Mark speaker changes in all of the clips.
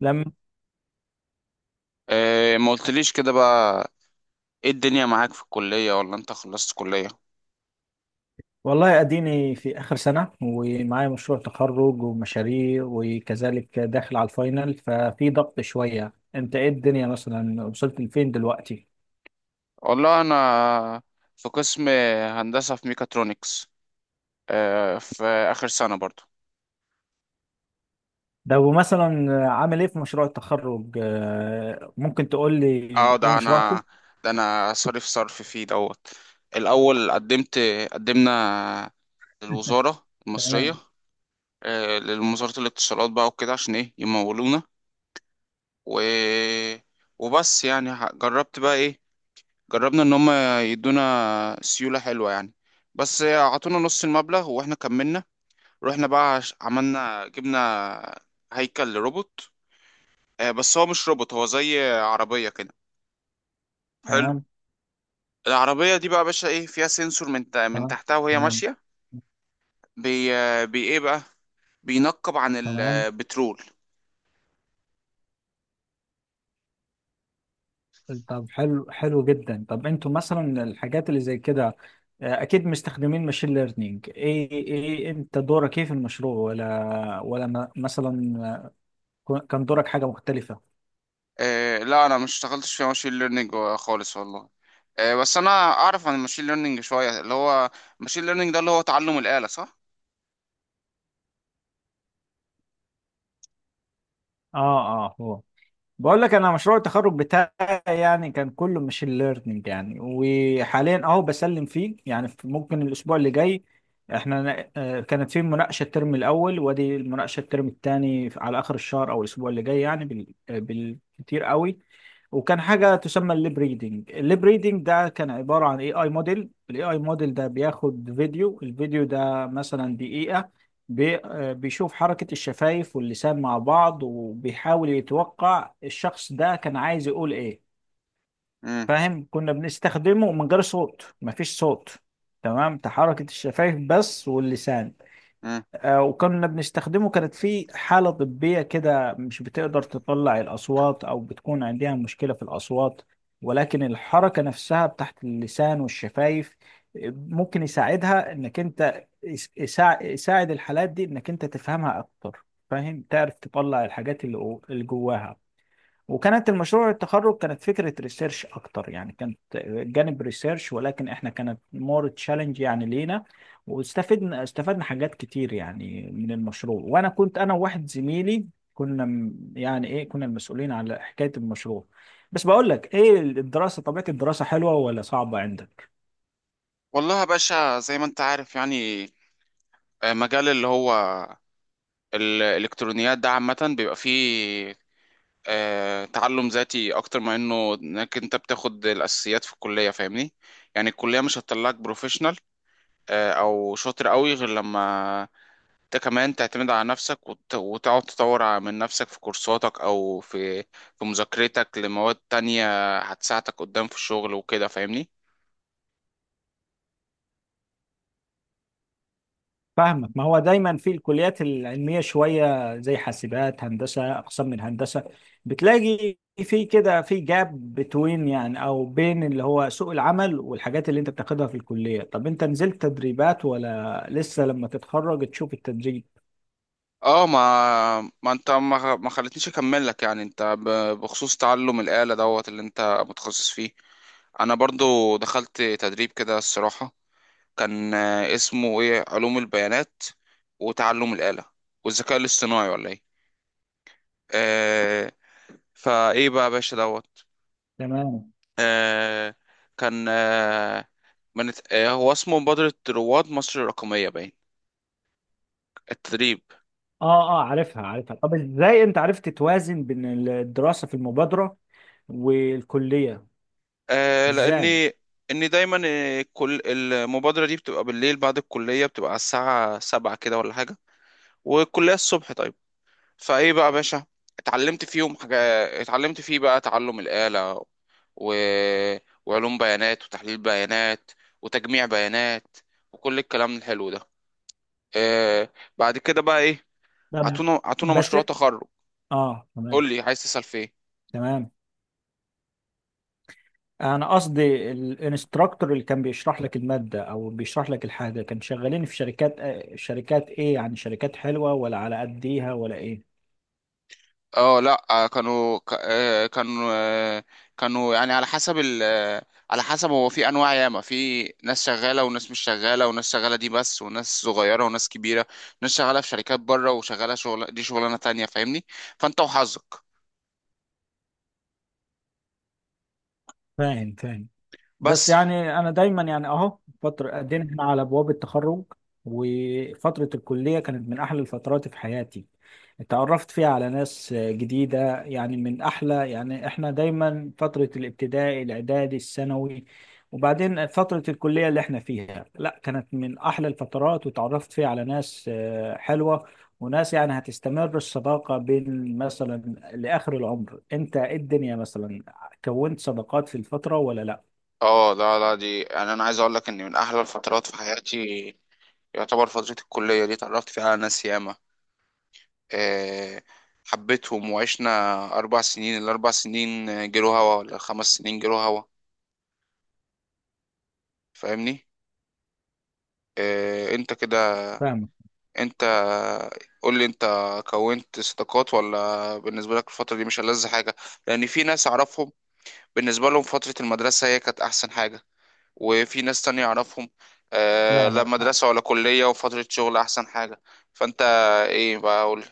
Speaker 1: لم.
Speaker 2: إيه ما قلتليش كده بقى. ايه الدنيا معاك في الكلية ولا انت خلصت كلية؟
Speaker 1: والله اديني في اخر سنه ومعايا مشروع تخرج ومشاريع وكذلك داخل على الفاينل ففي ضغط شويه. انت ايه الدنيا مثلا، وصلت لفين دلوقتي؟
Speaker 2: والله انا في قسم هندسة في ميكاترونكس. إيه في اخر سنة برضو.
Speaker 1: لو مثلا عامل ايه في مشروع التخرج، ممكن تقول لي
Speaker 2: اه
Speaker 1: ايه
Speaker 2: ده
Speaker 1: مشروعكم؟
Speaker 2: انا ده انا صرف فيه دوت. الاول قدمنا للوزارة المصرية.
Speaker 1: تمام
Speaker 2: إيه للوزارة الاتصالات بقى وكده عشان ايه يمولونا. و... وبس يعني جربت بقى ايه. جربنا ان هم يدونا سيولة حلوة يعني، بس عطونا نص المبلغ واحنا كملنا. رحنا بقى عملنا جبنا هيكل لروبوت. بس هو مش روبوت، هو زي عربية كده، حلو.
Speaker 1: تمام
Speaker 2: العربية دي بقى يا باشا ايه فيها سنسور من
Speaker 1: تمام
Speaker 2: تحتها وهي
Speaker 1: تمام
Speaker 2: ماشية. بي ايه بقى، بينقب عن
Speaker 1: تمام.
Speaker 2: البترول.
Speaker 1: طب حلو، حلو جدا. طب انتوا مثلا الحاجات اللي زي كده، اكيد مستخدمين ماشين ليرنينج. ايه ايه انت دورك ايه في المشروع، ولا مثلا كان دورك حاجة مختلفة؟
Speaker 2: لا، انا مش اشتغلتش في ماشين ليرنينج خالص والله. بس انا اعرف عن الماشين ليرنينج شوية، اللي هو ماشين ليرنينج ده اللي هو تعلم الآلة، صح؟
Speaker 1: اه اه. هو بقول لك انا مشروع التخرج بتاعي يعني كان كله ماشين ليرنينج يعني، وحاليا اهو بسلم فيه يعني. ممكن الاسبوع اللي جاي احنا كانت في مناقشه الترم الاول، وادي المناقشه الترم الثاني على اخر الشهر او الاسبوع اللي جاي يعني، بالكتير قوي. وكان حاجه تسمى الليب ريدنج. الليب ريدنج ده كان عباره عن اي اي موديل. الاي اي موديل ده بياخد فيديو، الفيديو ده مثلا دقيقه. بي آه، بيشوف حركة الشفايف واللسان مع بعض، وبيحاول يتوقع الشخص ده كان عايز يقول ايه. فاهم؟ كنا بنستخدمه من غير صوت، مفيش صوت. تمام. تحركة الشفايف بس واللسان.
Speaker 2: مم.
Speaker 1: وكنا بنستخدمه، كانت في حالة طبية كده مش بتقدر تطلع الأصوات أو بتكون عندها مشكلة في الأصوات، ولكن الحركة نفسها بتاعت اللسان والشفايف ممكن يساعدها، إنك أنت يساعد الحالات دي إنك أنت تفهمها أكتر. فاهم؟ تعرف تطلع الحاجات اللي جواها. وكانت المشروع التخرج كانت فكرة ريسيرش أكتر يعني، كانت جانب ريسيرش، ولكن إحنا كانت مور تشالنج يعني لينا. واستفدنا حاجات كتير يعني من المشروع. وأنا كنت أنا وواحد زميلي كنا م- يعني إيه كنا المسؤولين على حكاية المشروع. بس بقول لك إيه، الدراسة طبيعة الدراسة حلوة ولا صعبة عندك؟
Speaker 2: والله يا باشا زي ما انت عارف يعني، مجال اللي هو الالكترونيات ده عامة بيبقى فيه تعلم ذاتي اكتر ما انه انك انت بتاخد الاساسيات في الكلية، فاهمني؟ يعني الكلية مش هتطلعك بروفيشنال او شاطر قوي غير لما انت كمان تعتمد على نفسك وتقعد تطور من نفسك في كورساتك او في مذاكرتك لمواد تانية هتساعدك قدام في الشغل وكده، فاهمني؟
Speaker 1: فاهمك. ما هو دايما في الكليات العلميه شويه زي حاسبات هندسه، اقسام من هندسه، بتلاقي في جاب بتوين يعني، او بين اللي هو سوق العمل والحاجات اللي انت بتاخدها في الكليه. طب انت نزلت تدريبات، ولا لسه لما تتخرج تشوف التدريب؟
Speaker 2: اه ما ما انت ما خلتنيش اكمل لك، يعني انت بخصوص تعلم الآلة دوت اللي انت متخصص فيه، انا برضو دخلت تدريب كده الصراحة. كان اسمه ايه، علوم البيانات وتعلم الآلة والذكاء الاصطناعي ولا ايه؟ آه فايه بقى يا باشا دوت.
Speaker 1: تمام.
Speaker 2: آه كان آه من آه هو اسمه مبادرة رواد مصر الرقمية، باين التدريب.
Speaker 1: اه اه، عارفها عارفها. طب ازاي انت عرفت توازن بين الدراسه في المبادره والكليه؟
Speaker 2: آه
Speaker 1: ازاي؟
Speaker 2: لأني إني دايما كل المبادرة دي بتبقى بالليل بعد الكلية، بتبقى على الساعة 7 كده ولا حاجة، والكلية الصبح، طيب. فإيه بقى يا باشا، اتعلمت فيهم حاجة. اتعلمت فيه بقى تعلم الآلة و... وعلوم بيانات وتحليل بيانات وتجميع بيانات وكل الكلام الحلو ده. آه بعد كده بقى إيه،
Speaker 1: طب.
Speaker 2: عطونا
Speaker 1: بس
Speaker 2: مشروع تخرج.
Speaker 1: اه، تمام
Speaker 2: قول لي عايز تسأل في إيه.
Speaker 1: تمام. انا قصدي الانستراكتور اللي كان بيشرح لك الماده او بيشرح لك الحاجه، كان شغالين في شركات، شركات ايه يعني؟ شركات حلوه ولا على قد ايها ولا ايه؟
Speaker 2: اه لا آه، كانوا ك- آه، كانوا آه، كانوا يعني على حسب ال آه، على حسب، هو في انواع ياما، في ناس شغاله وناس مش شغاله، وناس شغاله دي بس، وناس صغيره وناس كبيره، ناس شغاله في شركات بره، وشغاله شغل دي شغلانه تانية، فاهمني؟ فانت وحظك
Speaker 1: فاهم فاهم. بس
Speaker 2: بس.
Speaker 1: يعني انا دايما يعني اهو فتره قدينا، احنا على ابواب التخرج. وفتره الكليه كانت من احلى الفترات في حياتي، اتعرفت فيها على ناس جديده. يعني من احلى، يعني احنا دايما فتره الابتدائي، الاعدادي، الثانوي، وبعدين فتره الكليه اللي احنا فيها، لا كانت من احلى الفترات. وتعرفت فيها على ناس حلوه، وناس يعني هتستمر الصداقه بين مثلا لاخر العمر. انت إيه الدنيا مثلا، كونت صداقات في الفتره ولا لا؟
Speaker 2: اه لا لا، دي يعني انا عايز اقول لك ان من احلى الفترات في حياتي يعتبر فتره الكليه دي. اتعرفت فيها على ناس ياما، آه، حبيتهم، وعشنا اربع سنين ال4 سنين، جرو هوا ولا ال5 سنين جرو هوا، فاهمني؟ إيه انت كده،
Speaker 1: فاهمك.
Speaker 2: انت قول لي، انت كونت صداقات ولا بالنسبه لك الفتره دي مش ألذ حاجه؟ لان في ناس اعرفهم بالنسبه لهم فتره المدرسه هي كانت احسن حاجه، وفي ناس تانية اعرفهم
Speaker 1: لا
Speaker 2: لا
Speaker 1: لا.
Speaker 2: مدرسه ولا كليه، وفتره شغل احسن حاجه. فانت ايه بقى، قول لي.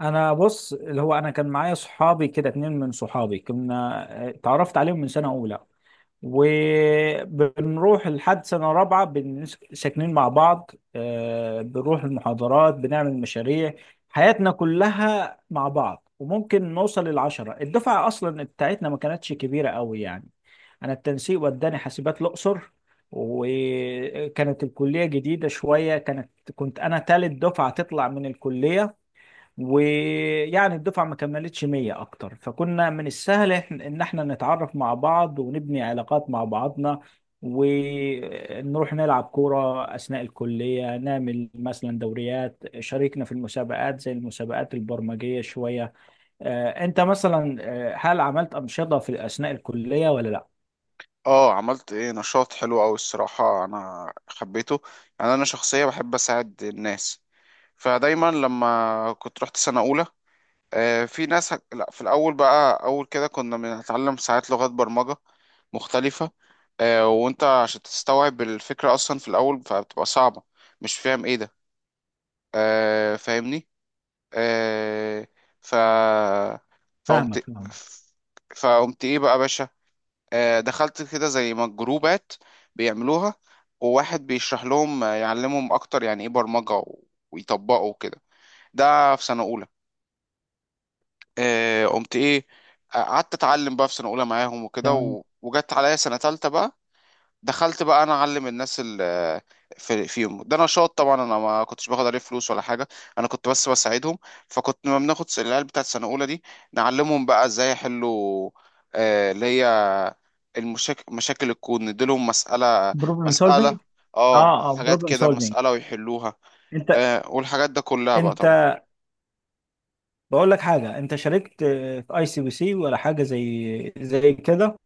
Speaker 1: انا بص، اللي هو انا كان معايا صحابي كده، اتنين من صحابي كنا، اتعرفت عليهم من سنة اولى، وبنروح لحد سنة رابعة. ساكنين مع بعض، بنروح المحاضرات، بنعمل مشاريع، حياتنا كلها مع بعض. وممكن نوصل للعشرة، الدفعة اصلا بتاعتنا ما كانتش كبيرة قوي يعني. انا التنسيق وداني حاسبات الاقصر، وكانت الكلية جديدة شوية، كانت، كنت انا تالت دفعة تطلع من الكلية. ويعني الدفعة ما كملتش 100 أكتر، فكنا من السهل إن إحنا نتعرف مع بعض ونبني علاقات مع بعضنا، ونروح نلعب كورة أثناء الكلية، نعمل مثلا دوريات، شاركنا في المسابقات زي المسابقات البرمجية شوية. أنت مثلا هل عملت أنشطة في أثناء الكلية ولا لأ؟
Speaker 2: اه عملت ايه، نشاط حلو اوي الصراحة، انا حبيته. يعني انا شخصية بحب اساعد الناس، فدايما لما كنت رحت سنة اولى آه، في ناس هك... لا في الأول بقى، أول كده كنا بنتعلم ساعات لغات برمجة مختلفة، وأنت عشان تستوعب الفكرة أصلا في الأول فبتبقى صعبة، مش فاهم إيه ده، فاهمني؟ آه، ف
Speaker 1: فاهمك
Speaker 2: فقمت
Speaker 1: فاهمك.
Speaker 2: فقمت إيه بقى يا باشا، دخلت كده زي ما جروبات بيعملوها، وواحد بيشرح لهم يعلمهم أكتر يعني إيه برمجة ويطبقوا كده، ده في سنة أولى. قمت ايه، قعدت اتعلم بقى في سنه اولى معاهم وكده
Speaker 1: تمام.
Speaker 2: وجت عليا سنه تالتة بقى، دخلت بقى انا اعلم الناس ال- في فيهم. ده نشاط طبعا، انا ما كنتش باخد عليه فلوس ولا حاجه، انا كنت بس بساعدهم. فكنت لما بناخد العيال بتاعت سنه اولى دي، نعلمهم بقى ازاي يحلوا اللي هي مشاكل الكون، نديلهم مساله
Speaker 1: بروبلم
Speaker 2: مساله
Speaker 1: سولفينج.
Speaker 2: اه
Speaker 1: اه اه،
Speaker 2: حاجات
Speaker 1: بروبلم
Speaker 2: كده،
Speaker 1: سولفينج.
Speaker 2: مساله ويحلوها
Speaker 1: انت،
Speaker 2: والحاجات ده كلها بقى
Speaker 1: انت
Speaker 2: طبعا.
Speaker 1: بقول لك حاجة، انت شاركت في اي سي بي سي ولا حاجة زي كده؟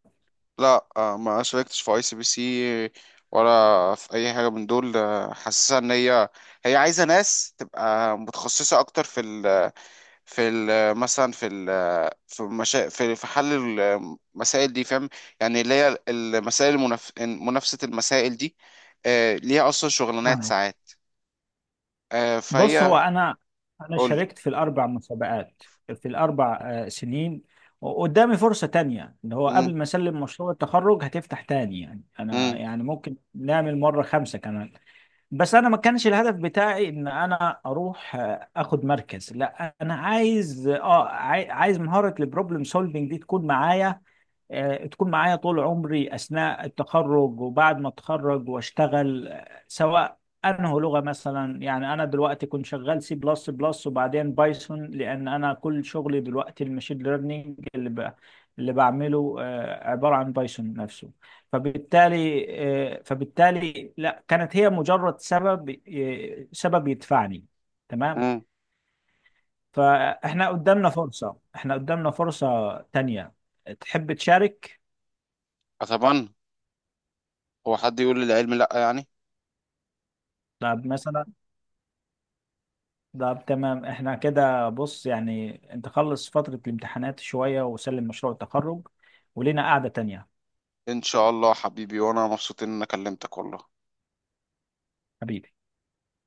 Speaker 2: لا ما شاركتش في ICPC ولا في اي حاجه من دول، حاسسها ان هي، هي عايزه ناس تبقى متخصصه اكتر في ال في ال مثلا في ال في مشا... في في حل المسائل دي، فاهم؟ يعني اللي هي المسائل منافسه، المسائل دي ليها اصلا شغلانات
Speaker 1: فاهمك.
Speaker 2: ساعات
Speaker 1: بص، هو
Speaker 2: فهي.
Speaker 1: انا، انا
Speaker 2: قول لي.
Speaker 1: شاركت في الاربع مسابقات، في الاربع سنين. وقدامي فرصة تانية، اللي هو
Speaker 2: مم،
Speaker 1: قبل ما اسلم مشروع التخرج هتفتح تاني يعني، انا
Speaker 2: مم،
Speaker 1: يعني ممكن نعمل مرة خمسة كمان. بس انا ما كانش الهدف بتاعي ان انا اروح اخد مركز، لا انا عايز، اه عايز مهارة البروبلم سولفنج دي تكون معايا، تكون معايا طول عمري أثناء التخرج وبعد ما أتخرج وأشتغل، سواء أنه لغة مثلا. يعني أنا دلوقتي كنت شغال سي بلس بلس وبعدين بايثون، لأن أنا كل شغلي دلوقتي المشين ليرنينج اللي بعمله عبارة عن بايثون نفسه. فبالتالي فبالتالي لا، كانت هي مجرد سبب، سبب يدفعني. تمام.
Speaker 2: مم.
Speaker 1: فإحنا قدامنا فرصة، إحنا قدامنا فرصة تانية، تحب تشارك؟
Speaker 2: اتمنى، هو حد يقول لي العلم لا يعني.
Speaker 1: طب مثلا، طب تمام. احنا كده بص يعني، انت خلص فترة الامتحانات شوية وسلم مشروع التخرج، ولينا قعدة تانية.
Speaker 2: ان شاء الله حبيبي، وانا مبسوط ان انا كلمتك والله.
Speaker 1: حبيبي.